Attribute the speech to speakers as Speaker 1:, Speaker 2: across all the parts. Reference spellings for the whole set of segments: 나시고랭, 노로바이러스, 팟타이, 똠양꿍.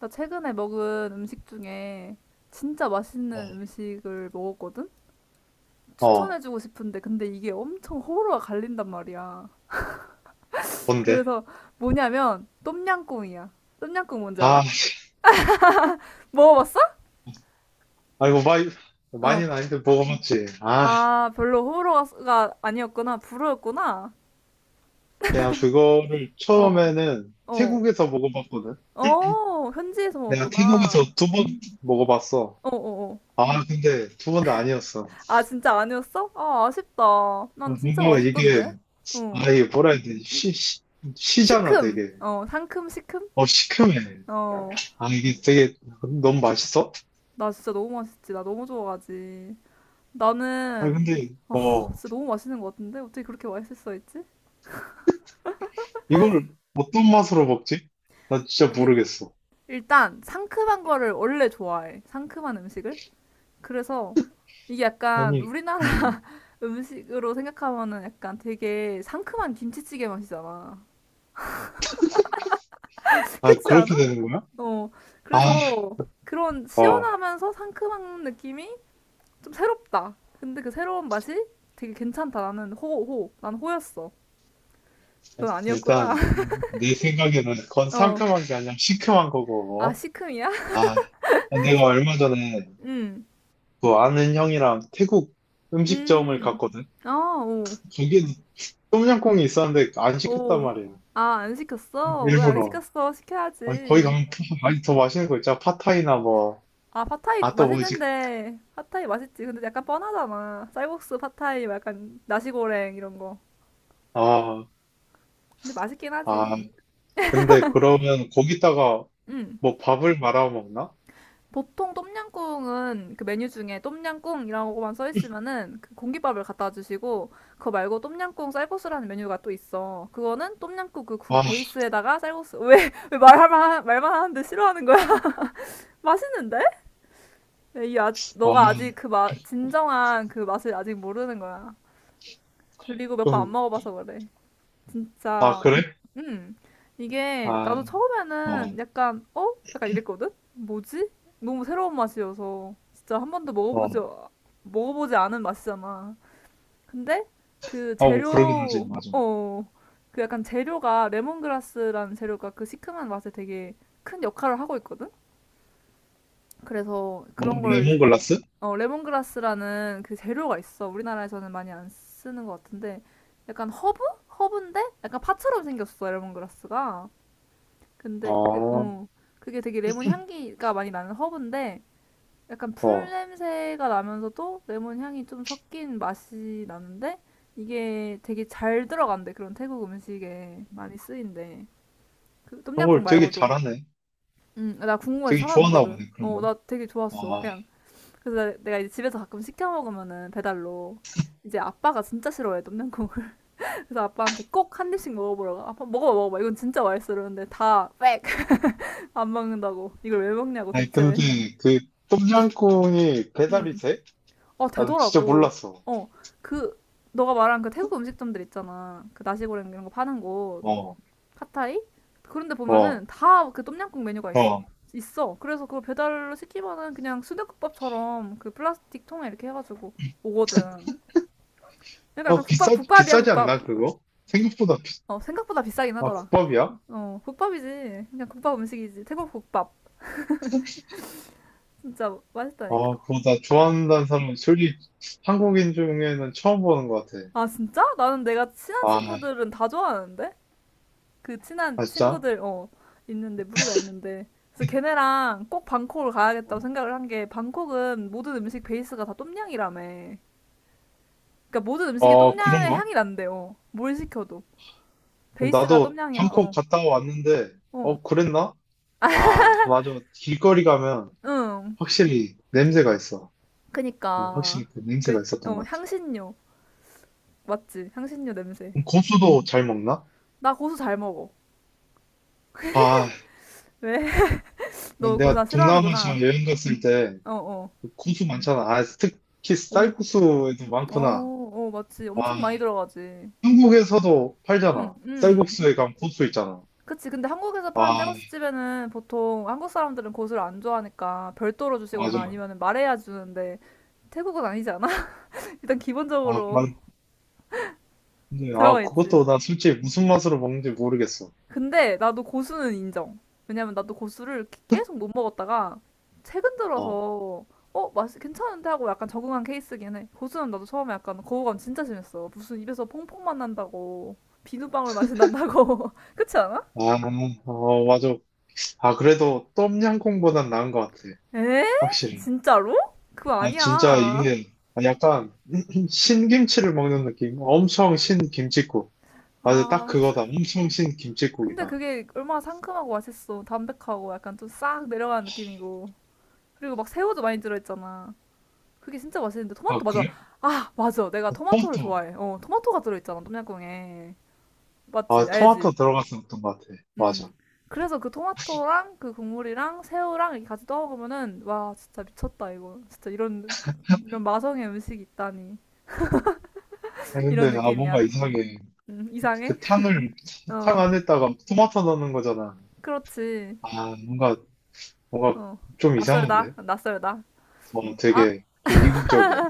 Speaker 1: 나 최근에 먹은 음식 중에 진짜
Speaker 2: 어,
Speaker 1: 맛있는 음식을 먹었거든?
Speaker 2: 어,
Speaker 1: 추천해주고 싶은데, 근데 이게 엄청 호불호가 갈린단 말이야.
Speaker 2: 뭔데?
Speaker 1: 그래서 뭐냐면, 똠양꿍이야. 똠양꿍 뭔지
Speaker 2: 아,
Speaker 1: 알아? 먹어봤어?
Speaker 2: 아이고,
Speaker 1: 어.
Speaker 2: 많이는 아닌데 먹어봤지. 아,
Speaker 1: 아, 별로 호불호가 아니었구나. 불호였구나.
Speaker 2: 내가 그거를
Speaker 1: 어,
Speaker 2: 처음에는
Speaker 1: 어.
Speaker 2: 태국에서 먹어봤거든.
Speaker 1: 어, 현지에서
Speaker 2: 내가 태국에서
Speaker 1: 먹었구나.
Speaker 2: 두 번 먹어봤어.
Speaker 1: 어, 어, 어.
Speaker 2: 아, 근데 두 번 다 아니었어.
Speaker 1: 아, 진짜 아니었어? 아, 아쉽다.
Speaker 2: 아,
Speaker 1: 난 진짜
Speaker 2: 뭔가 이게,
Speaker 1: 맛있던데. 어.
Speaker 2: 아, 이게 뭐라 해야 되지? 시잖아,
Speaker 1: 시큼.
Speaker 2: 되게.
Speaker 1: 어, 상큼, 시큼?
Speaker 2: 어, 시큼해.
Speaker 1: 어.
Speaker 2: 아, 이게 되게 너무 맛있어?
Speaker 1: 나 진짜 너무 맛있지. 나 너무 좋아하지.
Speaker 2: 아,
Speaker 1: 나는
Speaker 2: 근데,
Speaker 1: 아,
Speaker 2: 어,
Speaker 1: 진짜 너무 맛있는 것 같은데? 어떻게 그렇게 맛있을 수가 있지?
Speaker 2: 이걸
Speaker 1: 음.
Speaker 2: 어떤 맛으로 먹지? 나 진짜
Speaker 1: 그,
Speaker 2: 모르겠어.
Speaker 1: 일단 상큼한 거를 원래 좋아해. 상큼한 음식을. 그래서 이게 약간
Speaker 2: 아니,
Speaker 1: 우리나라
Speaker 2: 어,
Speaker 1: 음식으로 생각하면은 약간 되게 상큼한 김치찌개 맛이잖아.
Speaker 2: 아,
Speaker 1: 그렇지
Speaker 2: 그렇게
Speaker 1: 않아?
Speaker 2: 되는 거야?
Speaker 1: 어.
Speaker 2: 아,
Speaker 1: 그래서 그런
Speaker 2: 어.
Speaker 1: 시원하면서 상큼한 느낌이 좀 새롭다. 근데 그 새로운 맛이 되게 괜찮다. 나는 호, 호. 난 호였어. 넌
Speaker 2: 일단
Speaker 1: 아니었구나.
Speaker 2: 내 생각에는 그건
Speaker 1: 어.
Speaker 2: 상큼한 게 아니라 시큼한
Speaker 1: 아,
Speaker 2: 거고,
Speaker 1: 시큼이야?
Speaker 2: 아, 내가 얼마 전에
Speaker 1: 응,
Speaker 2: 그 아는 형이랑 태국 음식점을
Speaker 1: 음.
Speaker 2: 갔거든.
Speaker 1: 아, 오,
Speaker 2: 거기에 똠양꿍이 있었는데 안 시켰단
Speaker 1: 오.
Speaker 2: 말이야,
Speaker 1: 아, 안 시켰어? 왜 안
Speaker 2: 일부러.
Speaker 1: 시켰어?
Speaker 2: 아니, 거기
Speaker 1: 시켜야지.
Speaker 2: 가면 아니, 더 맛있는 거 있잖아, 팟타이나 뭐.
Speaker 1: 아, 팟타이
Speaker 2: 아, 또 뭐지?
Speaker 1: 맛있는데. 팟타이 맛있지. 근데 약간 뻔하잖아. 쌀국수, 팟타이, 뭐 약간 나시고랭 이런 거.
Speaker 2: 아
Speaker 1: 근데 맛있긴 하지.
Speaker 2: 아, 근데 그러면 거기다가
Speaker 1: 응,
Speaker 2: 뭐 밥을 말아 먹나?
Speaker 1: 보통 똠양꿍은 그 메뉴 중에 똠양꿍이라고만 써 있으면은 그 공깃밥을 갖다 주시고, 그거 말고 똠양꿍 쌀국수라는 메뉴가 또 있어. 그거는 똠양꿍 그 국 베이스에다가 쌀국수, 왜 말만 말만 하는데 싫어하는 거야? 맛있는데? 야, 이 아직 너가
Speaker 2: 아아좀아
Speaker 1: 아직 그 맛 진정한 그 맛을 아직 모르는 거야. 그리고 몇 번 안 먹어봐서 그래. 진짜,
Speaker 2: 그래.
Speaker 1: 음, 이게
Speaker 2: 아,
Speaker 1: 나도 처음에는
Speaker 2: 어,
Speaker 1: 약간, 어? 약간 이랬거든? 뭐지? 너무 새로운 맛이어서 진짜 한 번도 먹어보지,
Speaker 2: 어,
Speaker 1: 먹어보지 않은 맛이잖아. 근데 그
Speaker 2: 아, 뭐 그러긴 하지,
Speaker 1: 재료,
Speaker 2: 맞아.
Speaker 1: 어, 그 약간 재료가 레몬그라스라는 재료가 그 시큼한 맛에 되게 큰 역할을 하고 있거든? 그래서
Speaker 2: 뭐
Speaker 1: 그런 걸,
Speaker 2: 레몬글라스.
Speaker 1: 어, 레몬그라스라는 그 재료가 있어. 우리나라에서는 많이 안 쓰는 것 같은데 약간 허브? 허브인데 약간 파처럼 생겼어, 레몬그라스가.
Speaker 2: 아,
Speaker 1: 근데 그,
Speaker 2: 어.
Speaker 1: 어, 그게 되게 레몬 향기가 많이 나는 허브인데 약간 풀 냄새가 나면서도 레몬 향이 좀 섞인 맛이 나는데 이게 되게 잘 들어간대. 그런 태국 음식에 많이 쓰인대. 그
Speaker 2: 그런
Speaker 1: 똠양꿍
Speaker 2: 걸 되게
Speaker 1: 말고도.
Speaker 2: 잘하네.
Speaker 1: 응, 나 궁금해서
Speaker 2: 되게 좋아하나
Speaker 1: 찾아봤거든.
Speaker 2: 보네, 그런
Speaker 1: 어,
Speaker 2: 걸.
Speaker 1: 나 되게 좋았어.
Speaker 2: 아,
Speaker 1: 그냥, 그래서 내가 이제 집에서 가끔 시켜 먹으면은 배달로, 이제 아빠가 진짜 싫어해 똠양꿍을. 그래서 아빠한테 꼭 한 입씩 먹어보라고 아빠 먹어봐 먹어봐 이건 진짜 맛있어 그러는데 다 빽! 안 먹는다고 이걸 왜 먹냐고
Speaker 2: 아니,
Speaker 1: 대체.
Speaker 2: 근데 그 똠양꿍이 배달이
Speaker 1: 음아,
Speaker 2: 돼? 아, 나 진짜
Speaker 1: 되더라고.
Speaker 2: 몰랐어.
Speaker 1: 어, 그, 너가 말한 그 태국 음식점들 있잖아, 그 나시고랭 이런 거 파는 곳,
Speaker 2: 어,
Speaker 1: 파타이, 그런데
Speaker 2: 어,
Speaker 1: 보면은 다 그 똠양꿍 메뉴가 있어.
Speaker 2: 어.
Speaker 1: 있어. 그래서 그걸 배달로 시키면은 그냥 순댓국밥처럼 그 플라스틱 통에 이렇게 해가지고 오거든. 그러니까
Speaker 2: 어,
Speaker 1: 약간 국밥, 국밥이야
Speaker 2: 비싸지
Speaker 1: 국밥.
Speaker 2: 않나, 그거? 생각보다,
Speaker 1: 어, 생각보다 비싸긴
Speaker 2: 아,
Speaker 1: 하더라.
Speaker 2: 국밥이야?
Speaker 1: 어, 국밥이지. 그냥 국밥 음식이지. 태국 국밥. 진짜 맛있다니까.
Speaker 2: 아, 그거 나 좋아한다는 사람, 솔직히 한국인 중에는 처음 보는 것 같아.
Speaker 1: 아, 진짜? 나는 내가 친한
Speaker 2: 아,
Speaker 1: 친구들은 다 좋아하는데, 그 친한
Speaker 2: 아, 진짜?
Speaker 1: 친구들 어, 있는데, 무리가 있는데, 그래서 걔네랑 꼭 방콕을 가야겠다고
Speaker 2: 어,
Speaker 1: 생각을 한게 방콕은 모든 음식 베이스가 다 똠양이라며. 그러니까 모든 음식이
Speaker 2: 어,
Speaker 1: 똠양의
Speaker 2: 그런가?
Speaker 1: 향이 난대요. 뭘 시켜도 베이스가
Speaker 2: 나도
Speaker 1: 똠양이라.
Speaker 2: 방콕
Speaker 1: 어.
Speaker 2: 갔다 왔는데,
Speaker 1: 어.
Speaker 2: 어, 그랬나? 아, 맞아. 길거리 가면
Speaker 1: 응.
Speaker 2: 확실히 냄새가 있어. 네,
Speaker 1: 그니까
Speaker 2: 확실히 그 냄새가
Speaker 1: 그
Speaker 2: 있었던
Speaker 1: 어
Speaker 2: 것 같아.
Speaker 1: 향신료 맞지? 향신료 냄새.
Speaker 2: 그럼 고수도 잘 먹나?
Speaker 1: 나 고수 잘 먹어.
Speaker 2: 아,
Speaker 1: 왜? 너 고수
Speaker 2: 내가
Speaker 1: 다
Speaker 2: 동남아시아
Speaker 1: 싫어하는구나.
Speaker 2: 여행 갔을
Speaker 1: 어,
Speaker 2: 때그
Speaker 1: 어.
Speaker 2: 고수 많잖아. 아, 특히
Speaker 1: 엄,
Speaker 2: 쌀국수에도
Speaker 1: 어,
Speaker 2: 많구나.
Speaker 1: 어, 맞지.
Speaker 2: 아,
Speaker 1: 엄청 많이 들어가지.
Speaker 2: 한국에서도
Speaker 1: 응,
Speaker 2: 팔잖아.
Speaker 1: 응.
Speaker 2: 쌀국수에 가면 고수 있잖아.
Speaker 1: 그치. 근데 한국에서 파는
Speaker 2: 아,
Speaker 1: 쌀국수집에는 보통 한국 사람들은 고수를 안 좋아하니까 별도로 주시거나
Speaker 2: 맞아.
Speaker 1: 아니면 말해야 주는데, 태국은 아니지 않아? 일단
Speaker 2: 아,
Speaker 1: 기본적으로
Speaker 2: 근데 아,
Speaker 1: 들어가 있지.
Speaker 2: 그것도 나 솔직히 무슨 맛으로 먹는지 모르겠어.
Speaker 1: 근데 나도 고수는 인정. 왜냐면 나도 고수를 계속 못 먹었다가 최근
Speaker 2: 어,
Speaker 1: 들어서 어, 맛이 괜찮은데 하고 약간 적응한 케이스긴 해. 고수는 나도 처음에 약간 거부감 진짜 심했어. 무슨 입에서 퐁퐁만 난다고. 비누방울 맛이 난다고. 그렇지 않아?
Speaker 2: 아, 어, 맞아. 아, 그래도 똠양꿍보단 나은 것 같아.
Speaker 1: 에?
Speaker 2: 확실히.
Speaker 1: 진짜로? 그거
Speaker 2: 아, 진짜
Speaker 1: 아니야.
Speaker 2: 이게 약간 신김치를 먹는 느낌. 엄청 신김칫국. 맞아, 딱
Speaker 1: 아,
Speaker 2: 그거다. 엄청
Speaker 1: 근데
Speaker 2: 신김칫국이다.
Speaker 1: 그게 얼마나 상큼하고 맛있어. 담백하고 약간 좀 싹 내려가는 느낌이고. 그리고 막 새우도 많이 들어있잖아. 그게 진짜 맛있는데
Speaker 2: 아,
Speaker 1: 토마토 맞아.
Speaker 2: 그래?
Speaker 1: 아, 맞아. 내가
Speaker 2: 아,
Speaker 1: 토마토를
Speaker 2: 토마토.
Speaker 1: 좋아해. 어, 토마토가 들어있잖아, 똠양꿍에.
Speaker 2: 아,
Speaker 1: 맞지?
Speaker 2: 토마토
Speaker 1: 알지?
Speaker 2: 들어갔었던 것 같아.
Speaker 1: 음.
Speaker 2: 맞아.
Speaker 1: 그래서 그 토마토랑 그 국물이랑 새우랑 이렇게 같이 떠 먹으면은 와, 진짜 미쳤다 이거. 진짜 이런, 이런 마성의 음식이 있다니.
Speaker 2: 아, 근데
Speaker 1: 이런
Speaker 2: 아, 뭔가
Speaker 1: 느낌이야.
Speaker 2: 이상해.
Speaker 1: 이상해?
Speaker 2: 그 탕을 탕
Speaker 1: 어.
Speaker 2: 안에다가 토마토 넣는 거잖아.
Speaker 1: 그렇지.
Speaker 2: 아, 뭔가, 뭔가
Speaker 1: 어.
Speaker 2: 좀
Speaker 1: 낯설다.
Speaker 2: 이상한데.
Speaker 1: 낯설다.
Speaker 2: 어,
Speaker 1: 아,
Speaker 2: 되게 좀 이국적이야.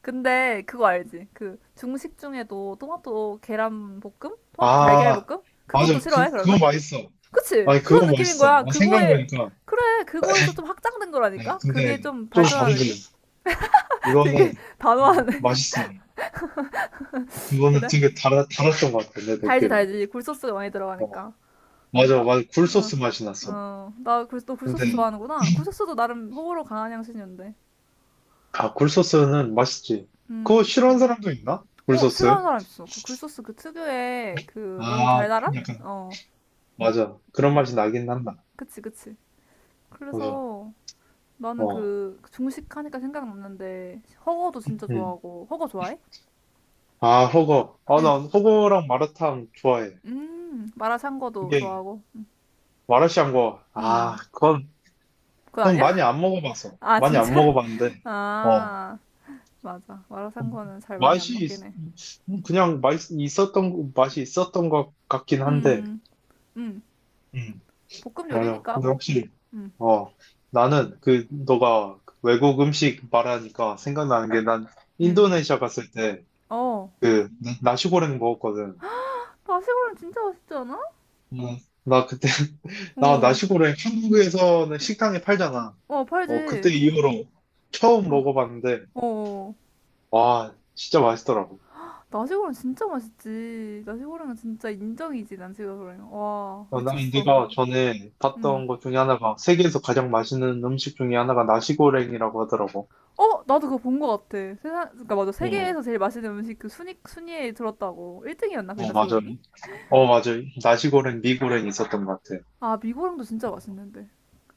Speaker 1: 근데 그거 알지? 그 중식 중에도 토마토 계란 볶음? 토마토 달걀
Speaker 2: 아,
Speaker 1: 볶음?
Speaker 2: 맞아.
Speaker 1: 그것도 싫어해,
Speaker 2: 그거
Speaker 1: 그러면?
Speaker 2: 맛있어.
Speaker 1: 그치?
Speaker 2: 아니, 그거
Speaker 1: 그런 느낌인
Speaker 2: 맛있어.
Speaker 1: 거야.
Speaker 2: 아,
Speaker 1: 그거에,
Speaker 2: 생각해보니까.
Speaker 1: 그래, 그거에서 좀 확장된
Speaker 2: 아니,
Speaker 1: 거라니까?
Speaker 2: 근데
Speaker 1: 그게 좀
Speaker 2: 좀
Speaker 1: 발전한
Speaker 2: 다르길래.
Speaker 1: 느낌?
Speaker 2: 그거는
Speaker 1: 되게 단호하네.
Speaker 2: 맛있어. 그거는
Speaker 1: 그래?
Speaker 2: 되게 달았던 것 같아, 내
Speaker 1: 달지,
Speaker 2: 느낌에.
Speaker 1: 달지. 굴소스가 많이
Speaker 2: 어,
Speaker 1: 들어가니까. 어,
Speaker 2: 맞아, 맞아.
Speaker 1: 어,
Speaker 2: 굴소스 맛이 났어.
Speaker 1: 어. 나, 굴, 너 굴소스
Speaker 2: 근데,
Speaker 1: 좋아하는구나. 굴소스도 나름 호불호 강한 향신료인데.
Speaker 2: 아, 굴소스는 맛있지. 그거
Speaker 1: 음,
Speaker 2: 싫어하는 사람도 있나?
Speaker 1: 어,
Speaker 2: 굴소스?
Speaker 1: 싫어하는 사람 있어. 그 굴소스 그 특유의 그 너무
Speaker 2: 아,
Speaker 1: 달달한?
Speaker 2: 약간,
Speaker 1: 어,
Speaker 2: 맞아. 그런 맛이 나긴 한다.
Speaker 1: 그치, 그치.
Speaker 2: 맞아.
Speaker 1: 그래서 나는
Speaker 2: 어,
Speaker 1: 그 중식하니까 생각났는데, 허거도 진짜
Speaker 2: 음.
Speaker 1: 좋아하고, 허거 좋아해?
Speaker 2: 아, 호거. 아,
Speaker 1: 응.
Speaker 2: 난 호거랑 마라탕 좋아해.
Speaker 1: 마라샹궈도
Speaker 2: 이게,
Speaker 1: 좋아하고.
Speaker 2: 마라샹궈. 아,
Speaker 1: 음,
Speaker 2: 그건,
Speaker 1: 그건
Speaker 2: 그건
Speaker 1: 아니야?
Speaker 2: 많이 안 먹어봐서.
Speaker 1: 아,
Speaker 2: 많이 안
Speaker 1: 진짜?
Speaker 2: 먹어봤는데, 어.
Speaker 1: 아, 맞아. 마라샹궈는 잘 많이 안
Speaker 2: 맛이,
Speaker 1: 먹긴
Speaker 2: 있-
Speaker 1: 해.
Speaker 2: 그냥 맛이 있었던 것 같긴 한데,
Speaker 1: 음, 음,
Speaker 2: 음,
Speaker 1: 볶음
Speaker 2: 맞아.
Speaker 1: 요리니까
Speaker 2: 근데
Speaker 1: 뭐.
Speaker 2: 확실히,
Speaker 1: 음,
Speaker 2: 어, 나는 그, 너가 외국 음식 말하니까 생각나는 게 난
Speaker 1: 음.
Speaker 2: 인도네시아 갔을 때,
Speaker 1: 어,
Speaker 2: 그, 나시고랭 먹었거든.
Speaker 1: 나시고랑 진짜 맛있지 않아?
Speaker 2: 음, 나 그때, 나
Speaker 1: 어,
Speaker 2: 나시고랭 한국에서는 식당에 팔잖아.
Speaker 1: 어,
Speaker 2: 어, 그때
Speaker 1: 팔지.
Speaker 2: 이후로 처음
Speaker 1: 어,
Speaker 2: 먹어봤는데,
Speaker 1: 어.
Speaker 2: 와, 진짜 맛있더라고.
Speaker 1: 나시고랑 진짜 맛있지. 나시고랑은 진짜 인정이지, 나시고랑. 와,
Speaker 2: 어, 나
Speaker 1: 미쳤어.
Speaker 2: 네가 전에
Speaker 1: 음.
Speaker 2: 봤던 것 중에 하나가 세계에서 가장 맛있는 음식 중에 하나가 나시고랭이라고 하더라고.
Speaker 1: 어, 나도 그거 본 거 같아. 세상, 그니까 맞아.
Speaker 2: 어,
Speaker 1: 세계에서 제일 맛있는 음식 그 순위, 순위에 들었다고. 1등이었나, 그게
Speaker 2: 어, 맞아.
Speaker 1: 나시고랑이?
Speaker 2: 어, 맞아. 나시고랭, 미고랭 있었던 것 같아.
Speaker 1: 아, 미고랑도 진짜 맛있는데.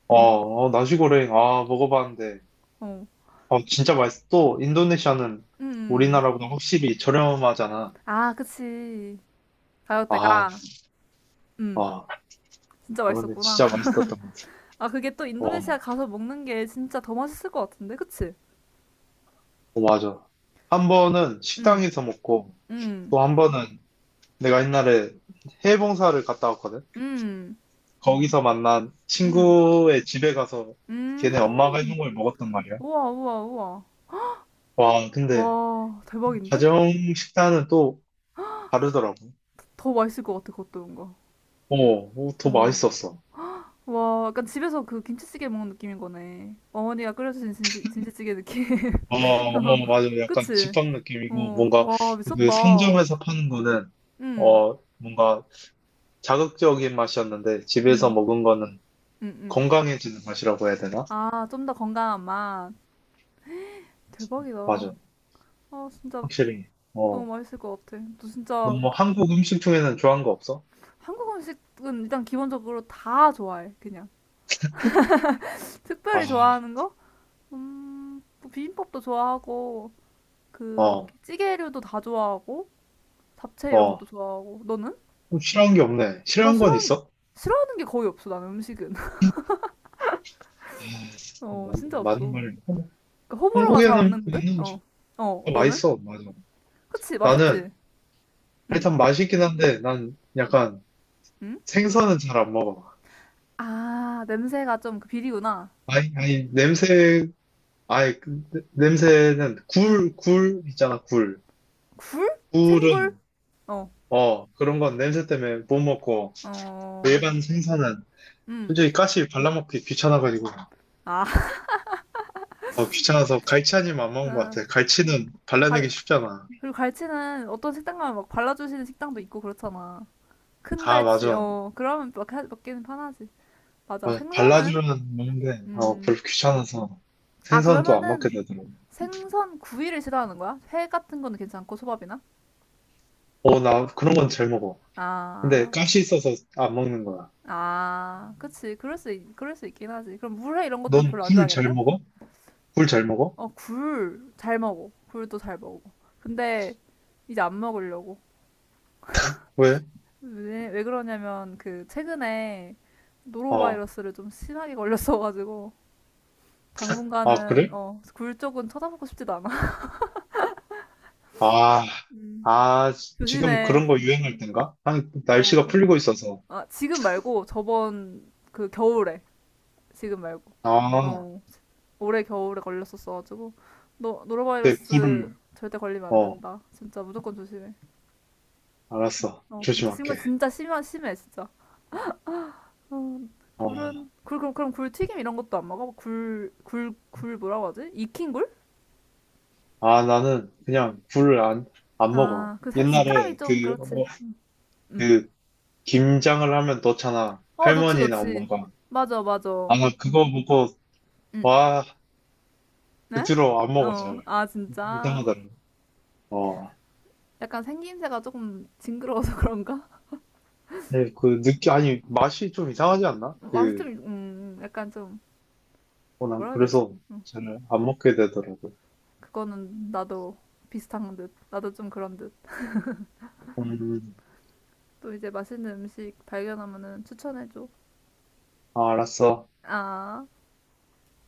Speaker 2: 어, 어, 나시고랭, 아, 먹어봤는데.
Speaker 1: 어.
Speaker 2: 어, 진짜 맛있어. 또, 인도네시아는
Speaker 1: 음. 음.
Speaker 2: 우리나라보다 확실히 저렴하잖아.
Speaker 1: 아, 그치.
Speaker 2: 아,
Speaker 1: 가격대가. 음,
Speaker 2: 아,
Speaker 1: 진짜
Speaker 2: 아, 근데
Speaker 1: 맛있었구나.
Speaker 2: 진짜 맛있었던 것 같아.
Speaker 1: 아, 그게 또
Speaker 2: 어,
Speaker 1: 인도네시아 가서 먹는 게 진짜 더 맛있을 것 같은데, 그치?
Speaker 2: 어, 맞아. 한 번은
Speaker 1: 음,
Speaker 2: 식당에서 먹고,
Speaker 1: 음,
Speaker 2: 또 한 번은 내가 옛날에 해외 봉사를 갔다 왔거든.
Speaker 1: 음,
Speaker 2: 거기서 만난
Speaker 1: 음,
Speaker 2: 친구의 집에 가서 걔네 엄마가
Speaker 1: 음.
Speaker 2: 해준 걸 먹었단 말이야.
Speaker 1: 우와, 우와, 우와.
Speaker 2: 와, 근데
Speaker 1: 와, 대박인데?
Speaker 2: 가정 식단은 또 다르더라고.
Speaker 1: 더 맛있을 것 같아, 그것도 뭔가.
Speaker 2: 어, 어, 더
Speaker 1: 어.
Speaker 2: 맛있었어.
Speaker 1: 와, 약간 집에서 그 김치찌개 먹는 느낌인 거네. 어머니가 끓여주신 김치, 김치찌개 느낌.
Speaker 2: 어, 어, 맞아. 약간
Speaker 1: 그치?
Speaker 2: 집밥 느낌이고,
Speaker 1: 어,
Speaker 2: 뭔가
Speaker 1: 와,
Speaker 2: 그
Speaker 1: 미쳤다.
Speaker 2: 상점에서 파는 거는
Speaker 1: 음.
Speaker 2: 어, 뭔가 자극적인 맛이었는데 집에서
Speaker 1: 응,
Speaker 2: 먹은 거는
Speaker 1: 응, 응.
Speaker 2: 건강해지는 맛이라고 해야 되나?
Speaker 1: 아, 좀 더 건강한 맛. 대박이다.
Speaker 2: 맞아.
Speaker 1: 아, 진짜
Speaker 2: 확실히.
Speaker 1: 너무
Speaker 2: 어.
Speaker 1: 맛있을 것 같아. 너 진짜,
Speaker 2: 너뭐 한국 음식 중에는 좋아하는 거 없어?
Speaker 1: 한국 음식은 일단 기본적으로 다 좋아해, 그냥.
Speaker 2: 아,
Speaker 1: 특별히 좋아하는 거? 음, 뭐 비빔밥도 좋아하고, 그,
Speaker 2: 어,
Speaker 1: 찌개류도 다 좋아하고, 잡채 이런
Speaker 2: 어.
Speaker 1: 것도 좋아하고. 너는?
Speaker 2: 좀 싫어하는 게 없네.
Speaker 1: 뭐
Speaker 2: 싫어하는 건
Speaker 1: 싫어하는 게,
Speaker 2: 있어?
Speaker 1: 싫어하는 게 거의 없어, 나는 음식은. 어, 진짜
Speaker 2: 맞는
Speaker 1: 없어.
Speaker 2: 말이야.
Speaker 1: 그 호불호가
Speaker 2: 국에
Speaker 1: 잘
Speaker 2: 는
Speaker 1: 없는 듯?
Speaker 2: 있는
Speaker 1: 어.
Speaker 2: 음식
Speaker 1: 어,
Speaker 2: 더
Speaker 1: 너는?
Speaker 2: 맛있어. 맞아.
Speaker 1: 그치,
Speaker 2: 나는
Speaker 1: 맛있지? 응.
Speaker 2: 일단 맛있긴 한데 난 약간
Speaker 1: 응?
Speaker 2: 생선은 잘 안 먹어.
Speaker 1: 아, 냄새가 좀 그 비리구나.
Speaker 2: 아니, 아니, 냄새. 아니, 그 냄새는
Speaker 1: 음,
Speaker 2: 굴, 있잖아. 굴.
Speaker 1: 굴? 생굴?
Speaker 2: 굴은,
Speaker 1: 어,
Speaker 2: 어, 그런 건 냄새 때문에 못 먹고,
Speaker 1: 어,
Speaker 2: 일반 생선은
Speaker 1: 음,
Speaker 2: 솔직히 가시 발라먹기 귀찮아가지고,
Speaker 1: 아,
Speaker 2: 어, 귀찮아서 갈치 아니면 안 먹는 것
Speaker 1: 음,
Speaker 2: 같아. 갈치는 발라내기
Speaker 1: 발,
Speaker 2: 쉽잖아.
Speaker 1: 그리고 갈치는 어떤 식당 가면 막 발라주시는 식당도 있고 그렇잖아. 큰
Speaker 2: 아,
Speaker 1: 갈치,
Speaker 2: 맞아.
Speaker 1: 어, 그러면 막 먹기는 편하지. 맞아,
Speaker 2: 아,
Speaker 1: 생선은?
Speaker 2: 발라주는 먹는데 어,
Speaker 1: 음,
Speaker 2: 별로 귀찮아서
Speaker 1: 아,
Speaker 2: 생선도 안 먹게
Speaker 1: 그러면은
Speaker 2: 되더라고.
Speaker 1: 생선 구이를 싫어하는 거야? 회 같은 거는 괜찮고, 소밥이나?
Speaker 2: 어, 나 그런 건 잘 먹어. 근데
Speaker 1: 아,
Speaker 2: 가시 있어서 안 먹는 거야.
Speaker 1: 아, 그치. 그럴 수, 그럴 수 있긴 하지. 그럼 물회 이런 것도
Speaker 2: 넌
Speaker 1: 별로 안
Speaker 2: 굴 잘
Speaker 1: 좋아하겠네?
Speaker 2: 먹어? 굴 잘 먹어?
Speaker 1: 어, 굴 잘 먹어. 굴도 잘 먹어. 근데 이제 안 먹으려고.
Speaker 2: 왜?
Speaker 1: 왜, 왜 그러냐면 그 최근에
Speaker 2: 어,
Speaker 1: 노로바이러스를 좀 심하게 걸렸어가지고
Speaker 2: 아,
Speaker 1: 당분간은
Speaker 2: 그래?
Speaker 1: 어, 굴 쪽은 쳐다보고 싶지도 않아.
Speaker 2: 아,
Speaker 1: 음.
Speaker 2: 아, 지금
Speaker 1: 조심해.
Speaker 2: 그런 거 유행할 땐가? 아니, 날씨가
Speaker 1: 어.
Speaker 2: 풀리고 있어서.
Speaker 1: 아, 지금 말고 저번 그 겨울에, 지금 말고.
Speaker 2: 아,
Speaker 1: 어. 올해 겨울에 걸렸었어 가지고 너
Speaker 2: 내 굴을,
Speaker 1: 노로바이러스 절대 걸리면 안
Speaker 2: 어,
Speaker 1: 된다. 진짜 무조건 조심해.
Speaker 2: 알았어.
Speaker 1: 어, 진짜 심각
Speaker 2: 조심할게.
Speaker 1: 진짜 심한 심해 진짜. 어.
Speaker 2: 어,
Speaker 1: 굴은 굴 그럼 굴 튀김 이런 것도 안 먹어? 굴 뭐라고 하지? 익힌 굴?
Speaker 2: 아, 나는 그냥 굴을, 안
Speaker 1: 아,
Speaker 2: 먹어.
Speaker 1: 그 식감이
Speaker 2: 옛날에
Speaker 1: 좀
Speaker 2: 그,
Speaker 1: 그렇지.
Speaker 2: 어,
Speaker 1: 응.
Speaker 2: 그 김장을 하면 넣잖아.
Speaker 1: 어, 넣지,
Speaker 2: 할머니나
Speaker 1: 넣지.
Speaker 2: 엄마가.
Speaker 1: 맞아, 맞아.
Speaker 2: 아마 그거 보고,
Speaker 1: 응.
Speaker 2: 와, 그
Speaker 1: 네?
Speaker 2: 뒤로 안 먹어,
Speaker 1: 어,
Speaker 2: 잘.
Speaker 1: 아, 진짜.
Speaker 2: 이상하더라고. 어.
Speaker 1: 약간 생김새가 조금 징그러워서 그런가?
Speaker 2: 네, 그 아니, 맛이 좀 이상하지 않나?
Speaker 1: 맛이 좀,
Speaker 2: 그,
Speaker 1: 약간 좀,
Speaker 2: 어, 난
Speaker 1: 뭐라 해야 되지?
Speaker 2: 그래서
Speaker 1: 음.
Speaker 2: 잘 안 먹게 되더라고.
Speaker 1: 그거는 나도 비슷한 듯. 나도 좀 그런 듯.
Speaker 2: 음,
Speaker 1: 또 이제 맛있는 음식 발견하면은 추천해줘.
Speaker 2: 아, 알았어.
Speaker 1: 아.